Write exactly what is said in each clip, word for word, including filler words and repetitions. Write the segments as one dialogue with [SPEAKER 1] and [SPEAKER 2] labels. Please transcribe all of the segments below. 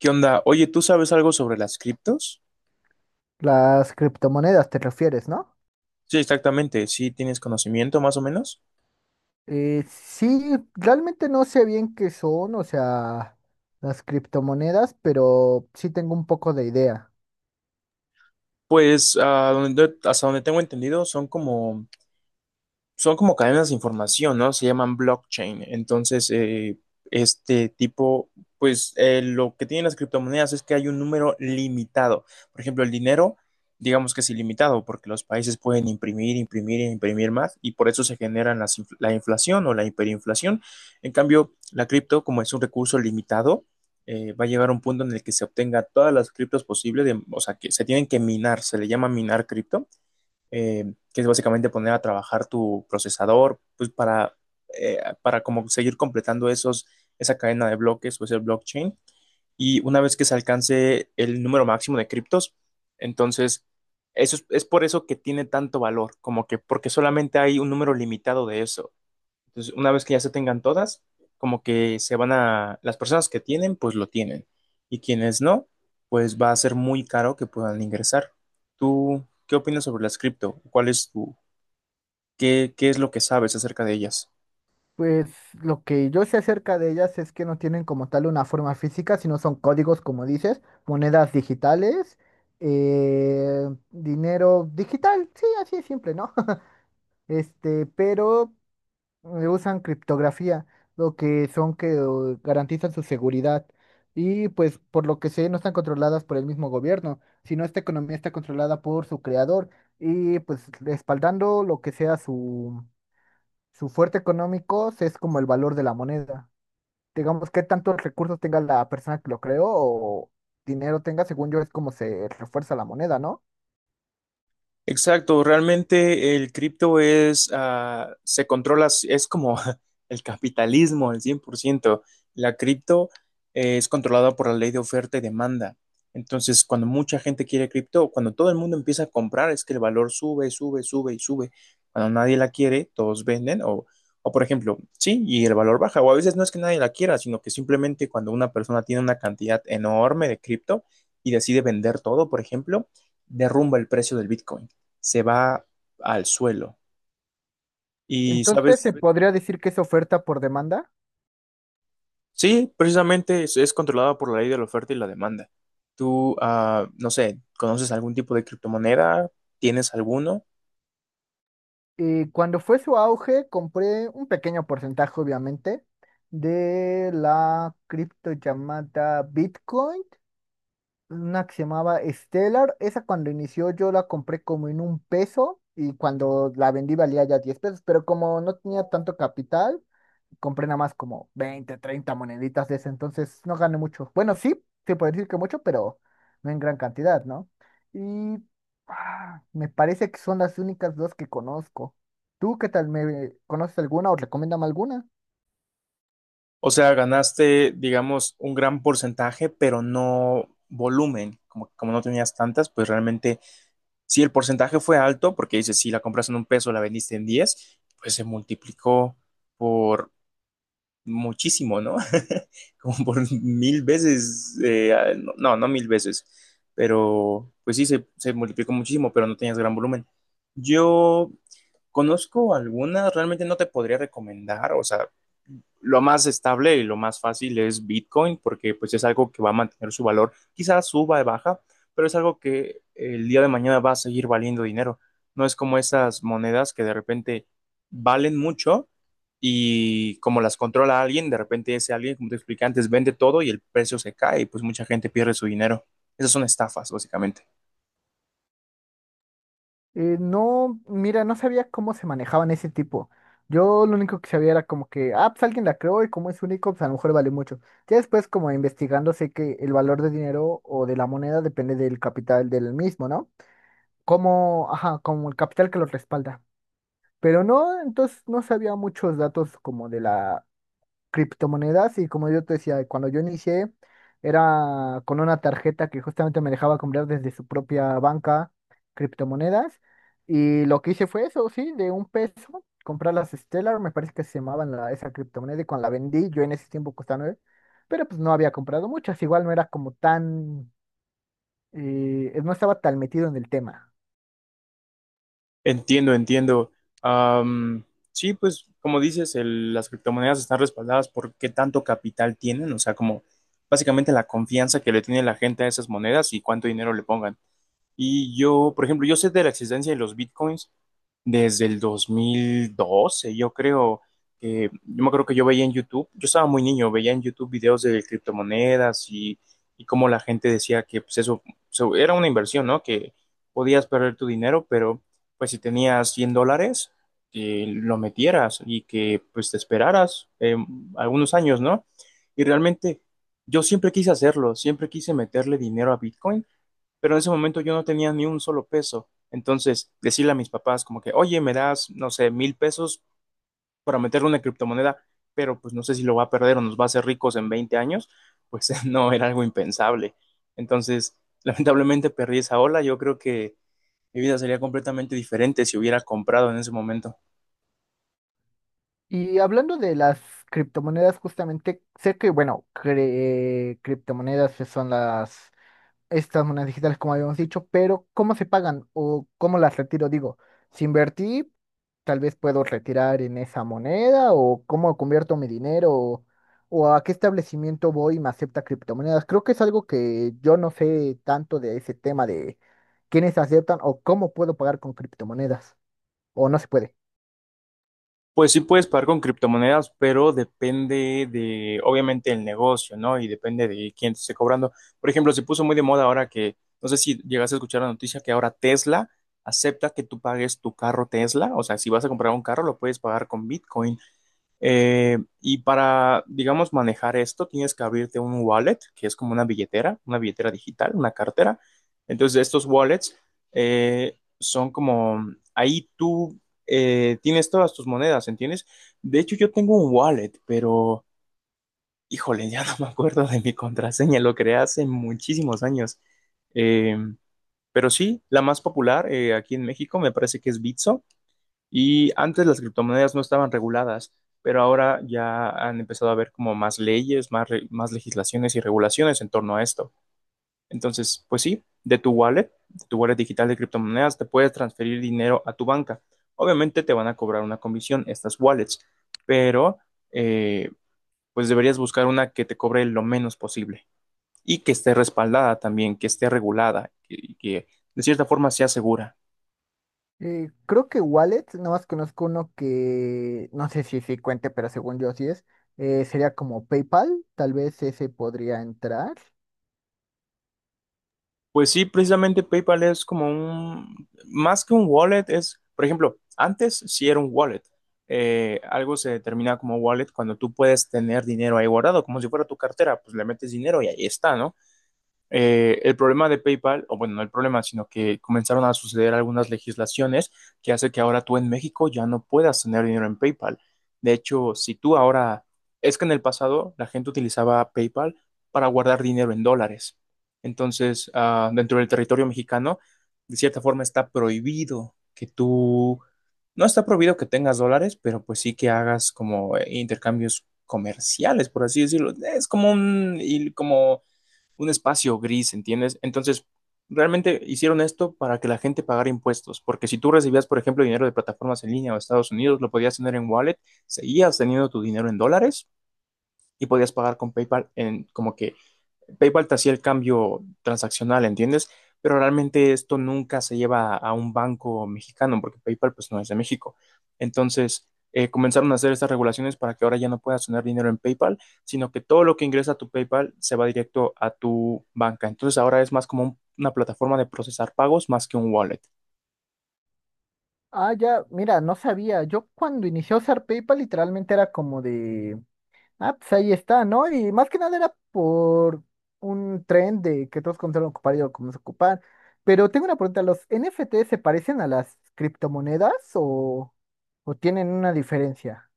[SPEAKER 1] ¿Qué onda? Oye, ¿tú sabes algo sobre las criptos?
[SPEAKER 2] Las criptomonedas te refieres, ¿no?
[SPEAKER 1] Sí, exactamente. Sí, tienes conocimiento más o menos.
[SPEAKER 2] Eh, sí, realmente no sé bien qué son, o sea, las criptomonedas, pero sí tengo un poco de idea.
[SPEAKER 1] Pues ah, donde- hasta donde tengo entendido, son como son como cadenas de información, ¿no? Se llaman blockchain. Entonces, eh, este tipo, pues eh, lo que tienen las criptomonedas es que hay un número limitado. Por ejemplo, el dinero, digamos que es ilimitado, porque los países pueden imprimir, imprimir e imprimir más, y por eso se generan las inf- la inflación o la hiperinflación. En cambio, la cripto, como es un recurso limitado, eh, va a llegar a un punto en el que se obtenga todas las criptos posibles, de- o sea, que se tienen que minar, se le llama minar cripto eh, que es básicamente poner a trabajar tu procesador, pues para, eh, para como seguir completando esos, esa cadena de bloques o ese blockchain. Y una vez que se alcance el número máximo de criptos, entonces eso es, es por eso que tiene tanto valor, como que porque solamente hay un número limitado de eso. Entonces, una vez que ya se tengan todas, como que se van a, las personas que tienen, pues lo tienen. Y quienes no, pues va a ser muy caro que puedan ingresar. ¿Tú qué opinas sobre las cripto? ¿Cuál es tu, qué, qué es lo que sabes acerca de ellas?
[SPEAKER 2] Pues lo que yo sé acerca de ellas es que no tienen como tal una forma física, sino son códigos, como dices, monedas digitales, eh, dinero digital, sí, así es simple, ¿no? Este, pero eh, usan criptografía, lo que son que eh, garantizan su seguridad. Y pues por lo que sé, no están controladas por el mismo gobierno, sino esta economía está controlada por su creador. Y pues respaldando lo que sea su, su fuerte económico, es como el valor de la moneda. Digamos, qué tantos recursos tenga la persona que lo creó o dinero tenga, según yo, es como se refuerza la moneda, ¿no?
[SPEAKER 1] Exacto, realmente el cripto es, ah, se controla, es como el capitalismo al cien por ciento. La cripto eh, es controlada por la ley de oferta y demanda. Entonces, cuando mucha gente quiere cripto, cuando todo el mundo empieza a comprar, es que el valor sube, sube, sube y sube. Cuando nadie la quiere, todos venden o, o por ejemplo, sí, y el valor baja. O a veces no es que nadie la quiera, sino que simplemente cuando una persona tiene una cantidad enorme de cripto y decide vender todo, por ejemplo, derrumba el precio del Bitcoin se va al suelo. Y,
[SPEAKER 2] Entonces, ¿se
[SPEAKER 1] ¿sabes?
[SPEAKER 2] podría decir que es oferta por demanda?
[SPEAKER 1] Sí, precisamente es, es controlada por la ley de la oferta y la demanda. Tú, ah, no sé, ¿conoces algún tipo de criptomoneda? ¿Tienes alguno?
[SPEAKER 2] Y cuando fue su auge, compré un pequeño porcentaje, obviamente, de la cripto llamada Bitcoin, una que se llamaba Stellar. Esa cuando inició yo la compré como en un peso y cuando la vendí valía ya diez pesos, pero como no tenía tanto capital, compré nada más como veinte, treinta moneditas de ese, entonces no gané mucho. Bueno, sí, se puede decir que mucho, pero no en gran cantidad, ¿no? Y ah, me parece que son las únicas dos que conozco. ¿Tú qué tal? ¿Me conoces alguna o recomiéndame alguna?
[SPEAKER 1] O sea, ganaste, digamos, un gran porcentaje, pero no volumen. Como, como no tenías tantas, pues realmente, si el porcentaje fue alto, porque dices, si la compras en un peso, la vendiste en diez pues se multiplicó por muchísimo, ¿no? Como por mil veces, eh, no, no no mil veces, pero pues sí, se, se multiplicó muchísimo, pero no tenías gran volumen. Yo conozco algunas, realmente no te podría recomendar, o sea, lo más estable y lo más fácil es Bitcoin, porque pues es algo que va a mantener su valor, quizás suba y baja, pero es algo que el día de mañana va a seguir valiendo dinero. No es como esas monedas que de repente valen mucho y como las controla alguien, de repente ese alguien, como te expliqué antes, vende todo y el precio se cae y pues mucha gente pierde su dinero. Esas son estafas, básicamente.
[SPEAKER 2] Eh, no, mira, no sabía cómo se manejaban ese tipo. Yo lo único que sabía era como que, ah, pues alguien la creó y como es único, pues a lo mejor vale mucho. Ya después, como investigando, sé que el valor de dinero o de la moneda depende del capital del mismo, ¿no? Como, ajá, como el capital que lo respalda. Pero no, entonces no sabía muchos datos como de la criptomonedas y como yo te decía, cuando yo inicié era con una tarjeta que justamente me dejaba comprar desde su propia banca criptomonedas y lo que hice fue eso, sí, de un peso, comprar las Stellar, me parece que se llamaban la, esa criptomoneda y cuando la vendí, yo en ese tiempo costaba nueve, pero pues no había comprado muchas, igual no era como tan, eh, no estaba tan metido en el tema.
[SPEAKER 1] Entiendo, entiendo. Am, sí, pues como dices, el- las criptomonedas están respaldadas por qué tanto capital tienen, o sea, como básicamente la confianza que le tiene la gente a esas monedas y cuánto dinero le pongan. Y yo, por ejemplo, yo sé de la existencia de los bitcoins, desde el dos mil doce, yo creo que, yo me acuerdo que yo veía en YouTube, yo estaba muy niño, veía en YouTube videos de criptomonedas y, y cómo la gente decía que pues eso, eso era una inversión, ¿no? Que podías perder tu dinero, pero pues si tenías cien dólares, que lo metieras y que pues te esperaras eh, algunos años, ¿no? Y realmente yo siempre quise hacerlo, siempre quise meterle dinero a Bitcoin pero en ese momento yo no tenía ni un solo peso. Entonces, decirle a mis papás como que, oye, me das, no sé, mil pesos para meterle una criptomoneda, pero pues no sé si lo va a perder o nos va a hacer ricos en veinte años, pues no, era algo impensable. Entonces, lamentablemente perdí esa ola. Yo creo que mi vida sería completamente diferente si hubiera comprado en ese momento.
[SPEAKER 2] Y hablando de las criptomonedas, justamente, sé que, bueno, cre- criptomonedas que son las, estas monedas digitales, como habíamos dicho, pero ¿cómo se pagan o cómo las retiro? Digo, si invertí, tal vez puedo retirar en esa moneda o cómo convierto mi dinero o, o a qué establecimiento voy y me acepta criptomonedas. Creo que es algo que yo no sé tanto de ese tema de quiénes aceptan o cómo puedo pagar con criptomonedas o no se puede.
[SPEAKER 1] Pues sí puedes pagar con criptomonedas, pero depende de, obviamente, el negocio, ¿no? Y depende de quién te esté cobrando. Por ejemplo, se puso muy de moda ahora que, no sé si llegaste a escuchar la noticia que ahora Tesla acepta que tú pagues tu carro Tesla. O sea, si vas a comprar un carro, lo puedes pagar con Bitcoin. Eh, y para, digamos, manejar esto, tienes que abrirte un wallet, que es como una billetera, una billetera digital, una cartera. Entonces, estos wallets eh, son como, ahí tú eh, tienes todas tus monedas, ¿entiendes? De hecho, yo tengo un wallet, pero, híjole, ya no me acuerdo de mi contraseña, lo creé hace muchísimos años. Eh, pero sí, la más popular eh, aquí en México me parece que es Bitso. Y antes las criptomonedas no estaban reguladas, pero ahora ya han empezado a haber como más leyes, más, re- más legislaciones y regulaciones en torno a esto. Entonces, pues sí, de tu wallet, de tu wallet digital de criptomonedas, te puedes transferir dinero a tu banca. Obviamente te van a cobrar una comisión estas wallets, pero eh, pues deberías buscar una que te cobre lo menos posible y que esté respaldada también, que esté regulada y que de cierta forma sea segura.
[SPEAKER 2] Eh, creo que wallets, nada más conozco uno que no sé si sí cuente, pero según yo sí es. Eh, sería como PayPal, tal vez ese podría entrar.
[SPEAKER 1] Pues sí, precisamente PayPal es como un, más que un wallet, es, por ejemplo, antes sí era un wallet. Eh, algo se determina como wallet cuando tú puedes tener dinero ahí guardado, como si fuera tu cartera, pues le metes dinero y ahí está, ¿no? Eh, el problema de PayPal, o bueno, no el problema, sino que comenzaron a suceder algunas legislaciones que hace que ahora tú en México ya no puedas tener dinero en PayPal. De hecho, si tú ahora, es que en el pasado la gente utilizaba PayPal para guardar dinero en dólares. Entonces, ah, dentro del territorio mexicano, de cierta forma está prohibido que tú, no está prohibido que tengas dólares, pero pues sí que hagas como eh, intercambios comerciales, por así decirlo. Es como un, y como un espacio gris, ¿entiendes? Entonces, realmente hicieron esto para que la gente pagara impuestos, porque si tú recibías, por ejemplo, dinero de plataformas en línea o Estados Unidos, lo podías tener en wallet, seguías teniendo tu dinero en dólares y podías pagar con PayPal en como que PayPal te hacía el cambio transaccional, ¿entiendes? Pero realmente esto nunca se lleva a un banco mexicano porque PayPal pues no es de México. Entonces, eh, comenzaron a hacer estas regulaciones para que ahora ya no puedas tener dinero en PayPal, sino que todo lo que ingresa a tu PayPal se va directo a tu banca. Entonces, ahora es más como un- una plataforma de procesar pagos más que un wallet.
[SPEAKER 2] Ah, ya, mira, no sabía. Yo cuando inicié a usar PayPal literalmente era como de, ah, pues ahí está, ¿no? Y más que nada era por un tren de que todos comenzaron a ocupar y yo comencé a ocupar. Pero tengo una pregunta, ¿los N F T se parecen a las criptomonedas o, o tienen una diferencia?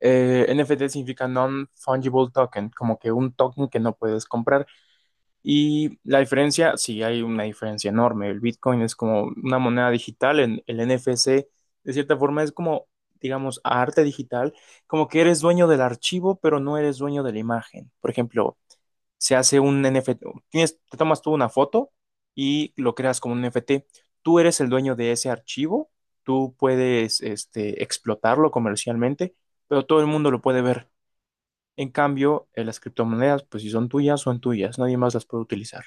[SPEAKER 1] Eh, N F T significa Non-Fungible Token, como que un token que no puedes comprar. Y la diferencia, sí, hay una diferencia enorme. El Bitcoin es como una moneda digital, en el N F C, de cierta forma, es como, digamos, arte digital, como que eres dueño del archivo, pero no eres dueño de la imagen. Por ejemplo, se hace un N F T, tienes, te tomas tú una foto y lo creas como un N F T. Tú eres el dueño de ese archivo, tú puedes, este, explotarlo comercialmente, pero todo el mundo lo puede ver. En cambio, eh, las criptomonedas, pues si son tuyas, son tuyas, nadie más las puede utilizar.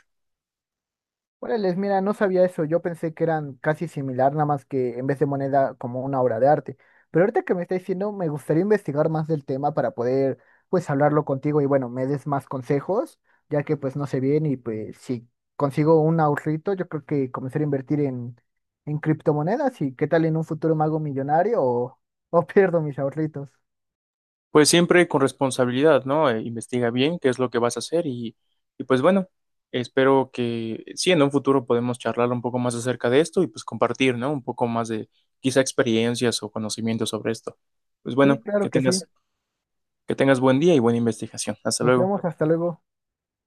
[SPEAKER 2] Órales, mira, no sabía eso. Yo pensé que eran casi similar, nada más que en vez de moneda como una obra de arte. Pero ahorita que me está diciendo, me gustaría investigar más del tema para poder, pues, hablarlo contigo y bueno, me des más consejos, ya que pues no sé bien y pues si consigo un ahorrito, yo creo que comenzar a invertir en, en criptomonedas y qué tal en un futuro me hago millonario o, o pierdo mis ahorritos.
[SPEAKER 1] Pues siempre con responsabilidad, ¿no? Eh, investiga bien qué es lo que vas a hacer y, y pues bueno, espero que sí, en un futuro podemos charlar un poco más acerca de esto y pues compartir, ¿no? Un poco más de quizá experiencias o conocimientos sobre esto. Pues bueno,
[SPEAKER 2] Sí, claro
[SPEAKER 1] que
[SPEAKER 2] que sí.
[SPEAKER 1] tengas, que tengas buen día y buena investigación. Hasta
[SPEAKER 2] Nos
[SPEAKER 1] luego.
[SPEAKER 2] vemos, hasta luego.